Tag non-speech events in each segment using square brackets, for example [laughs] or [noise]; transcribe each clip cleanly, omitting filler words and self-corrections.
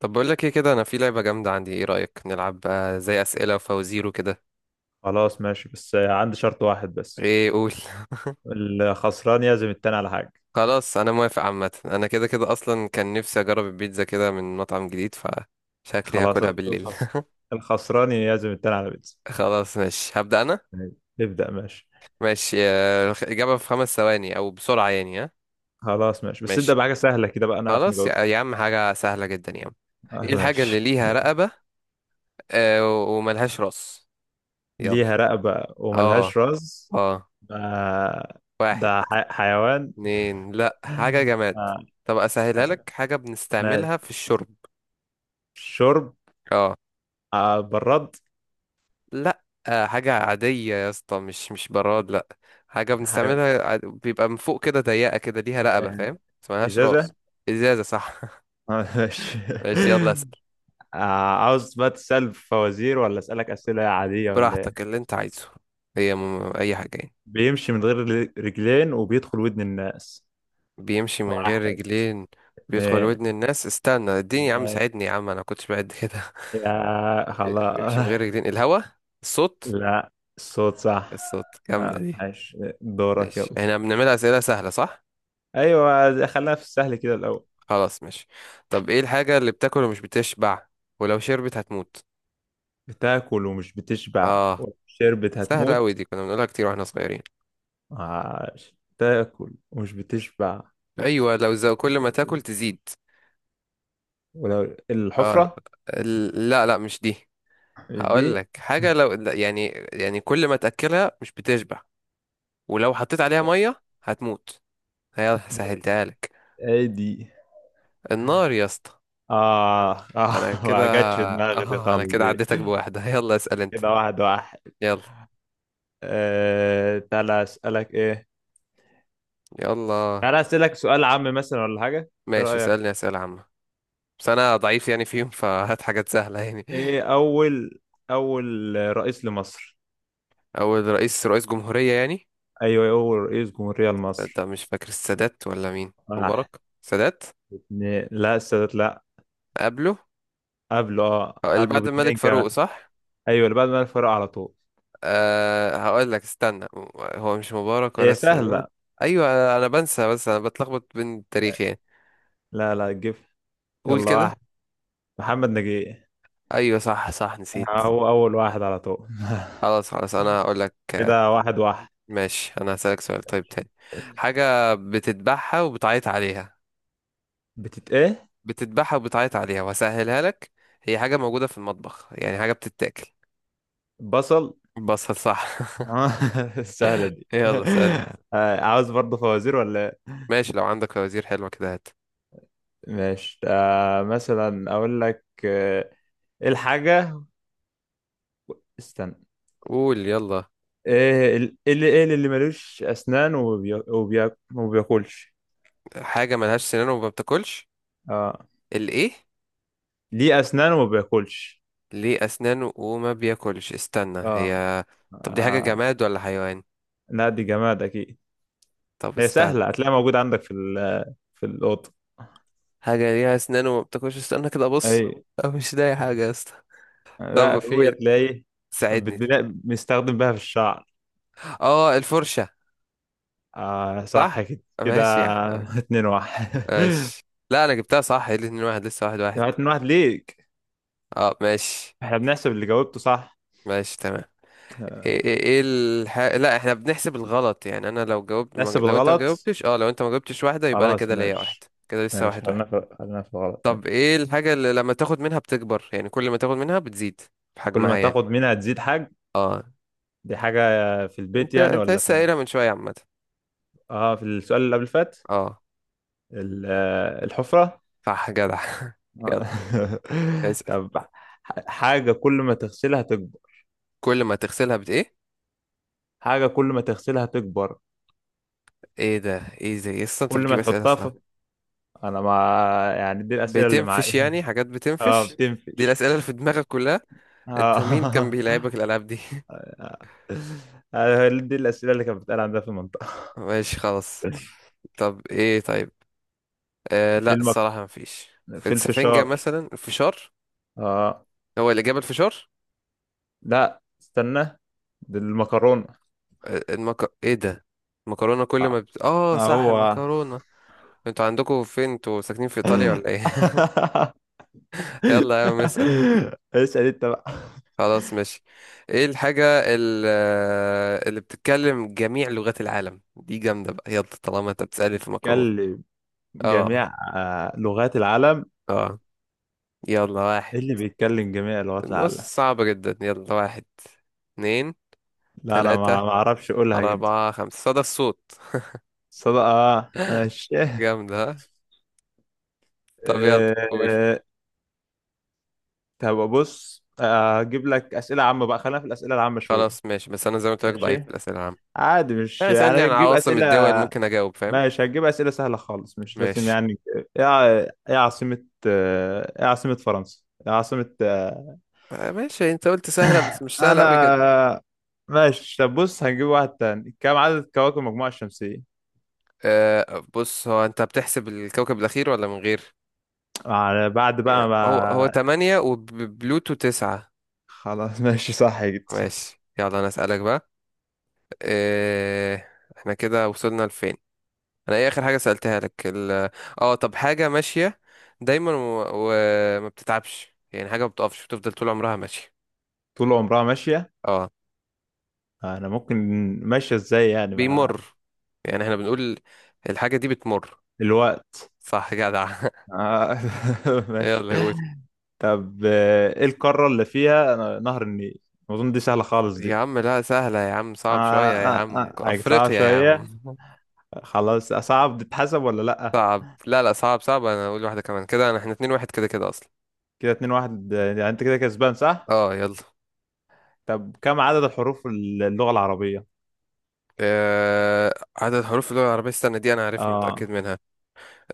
طب بقول لك ايه كده، انا في لعبة جامدة. عندي، ايه رأيك نلعب بقى زي أسئلة وفوازير وكده؟ خلاص، ماشي، بس عندي شرط واحد بس. ايه، قول. الخسران يعزم التاني على حاجة. [laughs] خلاص، انا موافق. عامة انا كده كده اصلا كان نفسي اجرب البيتزا كده من مطعم جديد، فشكلي خلاص. هاكلها بالليل. الخس... الخسران يعزم التاني على بيتزا. [laughs] خلاص ماشي، هبدأ انا. ماشي. ابدأ، ماشي. ماشي، إجابة في خمس ثواني او بسرعة، يعني، ها؟ خلاص، ماشي، بس ماشي ابدأ بحاجة سهلة كده بقى نعرف خلاص. يا نجاوب. يا عم، حاجة سهلة جدا يا عم. [laughs] ايه آه، الحاجة اللي ماشي. ليها رقبة، وملهاش راس؟ يلا. ليها رقبة اه، وملهاش راس. اه، آه، واحد، ده حيوان. اتنين. لا، [laughs] حاجة جماد. آه، طب اسهلها حيوان. لك، حاجة ماشي. بنستعملها في الشرب. شرب؟ اه. آه، براد. لا، حاجة عادية يا اسطى، مش براد، لا. حاجة ح... بنستعملها بيبقى من فوق كده، ضيقة كده، ليها رقبة، آه، فاهم؟ بس ملهاش إزازة. راس. ازازة، صح. آه، ماشي. [laughs] ماشي، يلا [laughs] اسأل. آه، عاوز بقى تسأل فوازير ولا أسألك أسئلة عادية ولا إيه؟ براحتك، اللي انت عايزه. هي اي حاجة يعني. بيمشي من غير رجلين وبيدخل ودن الناس. بيمشي من غير واحد، رجلين، بيدخل اتنين، ودن الناس. استنى، اديني يا عم، تلاتة، ساعدني يا عم، انا كنتش بعد كده. يا [laughs] بيمشي من خلاص. غير رجلين، الهوا. [laughs] الصوت. لا، الصوت صح. الصوت، جامدة آه، دي. عايش. دورك ماشي، يلا. احنا بنعمل أسئلة سهلة صح؟ أيوة، خلينا في السهل كده الأول. خلاص ماشي. طب ايه الحاجة اللي بتاكل ومش بتشبع، ولو شربت هتموت؟ بتاكل ومش بتشبع اه، وشربت سهلة أوي هتموت. دي، كنا بنقولها كتير واحنا صغيرين. عاش تاكل ومش بتشبع. ايوه، لو زو كل ما تاكل تزيد. ولو اه. الحفرة لا لا، مش دي. دي. هقول [laughs] لك حاجة، لو لا، يعني، يعني كل ما تأكلها مش بتشبع، ولو حطيت عليها مية هتموت. هي [laughs] دي- سهلتها لك. ايه دي؟ النار يا اسطى. اه، اه. انا [laughs] كده ما جاتش في [laughs] دماغي دي اه انا خالص كده دي. عديتك بواحدة. [laughs] يلا اسأل انت. كده واحد واحد. يلا. آه، تعالى اسألك ايه. يلا. تعالى اسألك سؤال عام مثلا ولا حاجة؟ ايه ماشي، رأيك؟ اسألني أسئلة عامة. بس انا ضعيف يعني فيهم، فهات حاجات سهله يعني. ايه اول رئيس لمصر؟ اول رئيس، رئيس جمهوريه يعني؟ ايوه، اول رئيس جمهورية ده لمصر. مش فاكر، السادات ولا مين، واحد، مبارك، سادات. اتنين، لا، السادات لا. قبله. قبله. اه، أه، اللي قبله بعد الملك باتنين فاروق كمان. صح؟ ايوه، اللي بعد ما الفرق على طول. أه هقول لك استنى. هو مش مبارك ولا هي السادات. سهلة. ايوه، انا بنسى، بس انا بتلخبط بين التاريخ يعني. لا، لا تجيب. قول يلا، كده. واحد. محمد نجيب. ايوه صح، صح، نسيت. هو اول واحد على طول. [laughs] خلاص خلاص، انا هقول لك. كده واحد واحد. ماشي، انا هسألك سؤال طيب تاني. حاجه بتتبعها وبتعيط عليها. بتت ايه؟ بتذبحها وبتعيط عليها، وهسهلها لك، هي حاجة موجودة في المطبخ يعني، حاجة بتتاكل. بصل. بصل، صح. [laughs] آه، [laughs] سهلة دي. [laughs] يلا اسأل. آه، عاوز برضه فوازير ولا إيه؟ ماشي، لو عندك فوازير حلوة كده هات. ماشي، آه، مثلا اقول لك، آه، ايه الحاجة؟ استنى. قول يلا. ايه اللي ملوش اسنان وبياكلش؟ حاجة ملهاش سنان وما بتاكلش. اه. الايه؟ ليه اسنان وما بياكلش. ليه أسنانه وما بياكلش، استنى، اه، هي. طب دي حاجة آه. جماد ولا حيوان؟ لا، دي جماد اكيد. طب هي استنى. سهلة، هتلاقيها موجودة عندك في في الأوضة. حاجة ليها أسنان وما بتاكلش، استنى كده أبص. اي. أنا مش لاقي حاجة يا اسطى. لا، طب في، قول، هتلاقي. ساعدني. بتلاقي بنستخدم بها في الشعر. اه، الفرشة، آه، صح صح. كده كده. ماشي يا عم. [laughs] اتنين واحد. ماشي. لا انا جبتها صح، ايه الاتنين واحد، لسه واحد [laughs] واحد. يعني اتنين واحد ليك. اه ماشي. احنا بنحسب اللي جاوبته صح. ماشي تمام. ايه لا، احنا بنحسب الغلط يعني، انا لو جاوبت ما... نحسب ج- لو انت ما الغلط. جاوبتش، اه، لو انت ما جاوبتش واحدة، يبقى انا خلاص، كده ليا واحد. ماشي. كده لسه ماشي، واحد واحد. خلينا في الغلط، طب ماشي. ايه الحاجة اللي لما تاخد منها بتكبر، يعني كل ما تاخد منها بتزيد في كل ما حجمها يعني. تاخد منها تزيد حاجة. اه. دي حاجة في البيت انت يعني انت ولا لسه فين؟ قايلها من شوية، عامة. اه، في السؤال اللي قبل اللي فات. اه. آه، الحفرة. صح، جدع. [laughs] يلا آه. [laughs] اسأل. طب. حاجة كل ما تغسلها تكبر. كل ما تغسلها بت ايه؟ حاجة كل ما تغسلها تكبر. ايه ده، ايه ده، ايه، أصل انت كل ما بتجيب اسئلة تحطها في. صعبة. انا ما. يعني دي الأسئلة اللي بتنفش معايا. [laughs] يعني، حاجات اه، بتنفش. دي بتنفش. الأسئلة اللي في دماغك كلها؟ انت مين كان آه. [laughs] بيلعبك الألعاب دي؟ آه، دي الأسئلة اللي كانت بتتقال عندنا في المنطقة. [laughs] ماشي خلاص. طب ايه، طيب، في لا الصراحة مفيش. في السفنجة، الفشار. مثلا الفشار. اه. هو الإجابة الفشار؟ لا، استنى. دي المكرونة. ايه ده؟ المكرونة، كل ما آه. بت... اه آه، صح، هو. المكرونة. انتوا عندكم فين، انتوا ساكنين في إيطاليا ولا [laughs] ايه؟ [laughs] يلا يا عم اسأل. اسأل انت بقى. خلاص ماشي. ايه الحاجة، اللي بتتكلم جميع لغات العالم، دي جامدة بقى، يلا طالما انت بتسألني في مكرونة. بيتكلم جميع اه. لغات العالم. اه. يلا، واحد. ايه اللي بيتكلم جميع لغات العالم؟ بص صعب جدا، يلا، واحد، اتنين، لا، انا تلاتة، ما اعرفش اقولها جدا. أربعة، خمسة، صدى الصوت. صدق، اه، ماشي. جامد ها. طب يلا قول. آه، طب بص، آه، هجيب لك اسئله عامه بقى، خلينا في الاسئله العامه شويه. خلاص ماشي، بس أنا زي ما قلت لك ضعيف ماشي. في الأسئلة العامة. عادي، مش يعني اسألني انا عن هجيب عواصم الدول اسئله. ممكن أجاوب، فاهم. ماشي، هجيب اسئله سهله خالص، مش لازم ماشي. يعني. ايه ع- ايه عاصمه، آه، ايه عاصمه فرنسا، ايه عاصمه، آه، ماشي، أنت قلت سهلة بس مش سهلة أوي كده. انا. ماشي، طب بص، هنجيب واحد تاني، كم عدد كواكب المجموعه الشمسيه؟ أه بص، هو أنت بتحسب الكوكب الأخير ولا من غير، بعد يعني بقى هو هو ما. تمانية وبلوتو تسعة. خلاص. [laughs] ماشي، صح جدا. ماشي، يلا أنا أسألك بقى. أه. احنا كده وصلنا لفين؟ انا ايه اخر حاجه سالتها لك، اه طب، حاجه ماشيه دايما وما بتتعبش، يعني حاجه ما بتقفش، بتفضل طول عمرها ماشيه. طول عمرها ماشيه. اه. انا ممكن. ماشيه ازاي يعني، مع. بيمر، يعني احنا بنقول الحاجه دي بتمر. الوقت. صح، جدع. آه، [laughs] [laughs] ماشي. يلا قول. طب، آه، ايه القارة اللي فيها، آه، نهر النيل؟ اظن دي سهلة خالص يا دي. عم لا سهله يا عم، صعب آه، شويه يا آه، عم، آه، آه، صعب افريقيا يا عم. شوية. [laughs] خلاص، صعب. تتحسب ولا لأ؟ صعب، لا لا، صعب صعب، انا اقول واحده كمان كده، انا احنا اتنين واحد كده كده اصلا. كده اتنين واحد، آه، يعني انت كده كسبان صح؟ اه يلا. طب كم عدد الحروف اللغة العربية؟ آه، عدد حروف اللغة العربية، استنى دي أنا عارفها اه. متأكد منها.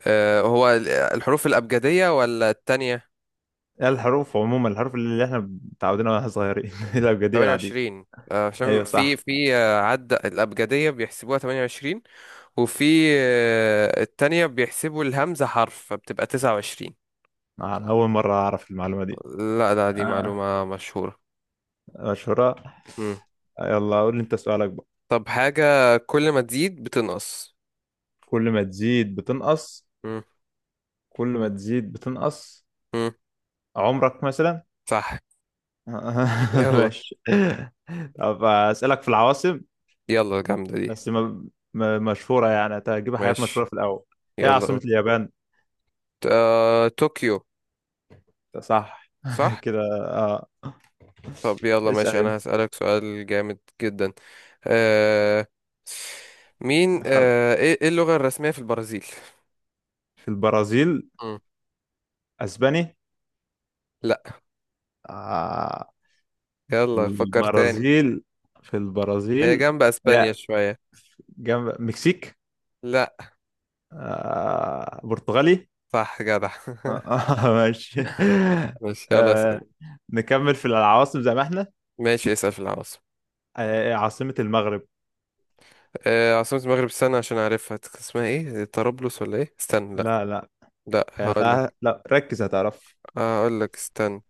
هو الحروف الأبجدية ولا التانية؟ إيه، الحروف عموما، الحروف اللي احنا متعودين عليها واحنا صغيرين. [laughs] الأبجدية العادية. 28. عشان ايوه، في صح. في عد الأبجدية بيحسبوها 28. وفي التانية بيحسبوا الهمزة حرف، فبتبقى 29. انا أول مرة أعرف المعلومة دي. لا لا، دي آه، معلومة مشهورة. مشهورة. مم. يلا قول لي انت سؤالك بقى. طب حاجة كل ما تزيد بتنقص. كل ما تزيد بتنقص. مم. كل ما تزيد بتنقص. مم. عمرك مثلا. صح. [laughs] يلا. ماشي. طب اسالك في العواصم. يلا جامدة دي. بس ما. مشهوره، يعني هتجيب حاجات مشهوره ماشي، في الاول. ايه يلا عاصمه قول. اليابان؟ آه، طوكيو. صح. [laughs] صح. كده. اه، طب يلا اسال ماشي، أنا انت. هسألك سؤال جامد جدا. آه، مين خل... آه، إيه، إيه اللغة الرسمية في البرازيل؟ في البرازيل اسباني. لا. آه. في يلا فكر تاني. البرازيل في هي البرازيل جنب اسبانيا يا، شوية. جنب مكسيك. لا. آه. برتغالي. صح جدع. آه. [laughs] ماشي. [laughs] ماشي يلا اسأل. آه. نكمل في العواصم زي ما احنا. ماشي اسأل في العواصم. عاصمة المغرب؟ عاصمة المغرب، استنى عشان اعرفها، اسمها ايه، طرابلس ولا ايه، استنى لا. لا، لا، لا هقولك. لا، ركز، هتعرف. هقولك استنى.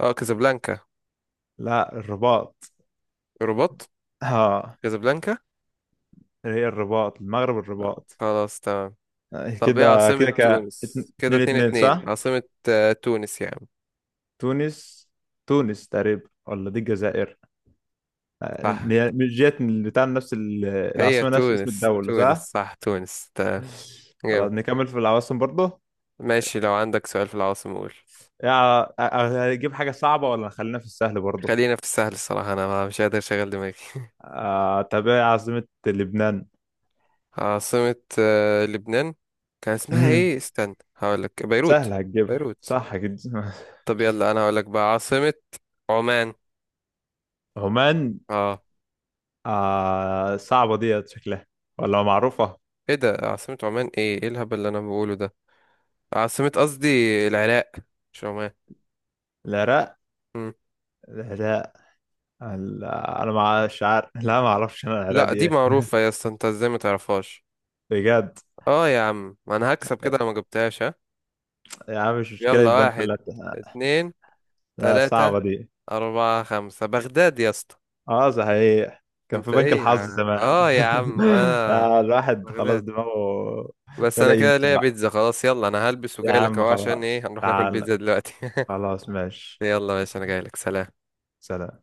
اه، كازابلانكا. لا، الرباط. رباط. ها. كازابلانكا. هي الرباط. المغرب آه، الرباط. خلاص تمام. آه، طب ايه كده عاصمة كده، تونس؟ كده اتنين اتنين اتنين اتنين صح. عاصمة، تونس يا عم. تونس، تونس تقريبا ولا دي الجزائر؟ آه، صح. مش جت بتاع نفس هي العاصمة نفس اسم تونس، الدولة تونس صح. صح، تونس تمام. جامد. خلاص نكمل في العواصم برضه. ماشي، لو عندك سؤال في العواصم قول. آه، هجيب حاجة صعبة ولا خلينا في السهل برضه؟ خلينا في السهل، الصراحة أنا مش قادر أشغل دماغي. آه، طب ايه عاصمة لبنان؟ [laughs] عاصمة لبنان، كان اسمها إيه [clears throat] استنى هقولك، بيروت. سهلة هتجيبها بيروت. صح كده. [laughs] طب يلا أنا هقولك بقى، عاصمة عمان. عمان. آه. آه، صعبة ديت شكلها ولا معروفة؟ إيه ده، عاصمة عمان، إيه إيه الهبل اللي أنا بقوله ده، عاصمة قصدي العراق، مش عمان. العراق. مم. العراق. أنا ما مش عارف، لا، ما أعرفش أنا العراق لا دي دي إيه. معروفة يا اسطى، أنت إزاي ما تعرفهاش؟ بجد؟ آه يا عم، ما أنا هكسب كده لو ما جبتهاش، ها. يا عم مش مشكلة، يلا، يبقى أنت واحد، اللي. اتنين، لا، تلاتة، صعبة دي. أربعة، خمسة، بغداد يا اسطى. أه، صحيح. كان انت في بنك ايه يا الحظ عم، زمان. اه يا عم [laughs] انا. آه، الواحد خلاص بغداد. دماغه بس بدأ انا كده ينسى ليا بقى. بيتزا خلاص، يلا انا هلبس يا وجاي لك عم، اهو، عشان خلاص، ايه، هنروح ناكل تعال. بيتزا دلوقتي. [laughs] خلاص، ماشي. يلا يا باشا، انا جاي لك، سلام. سلام.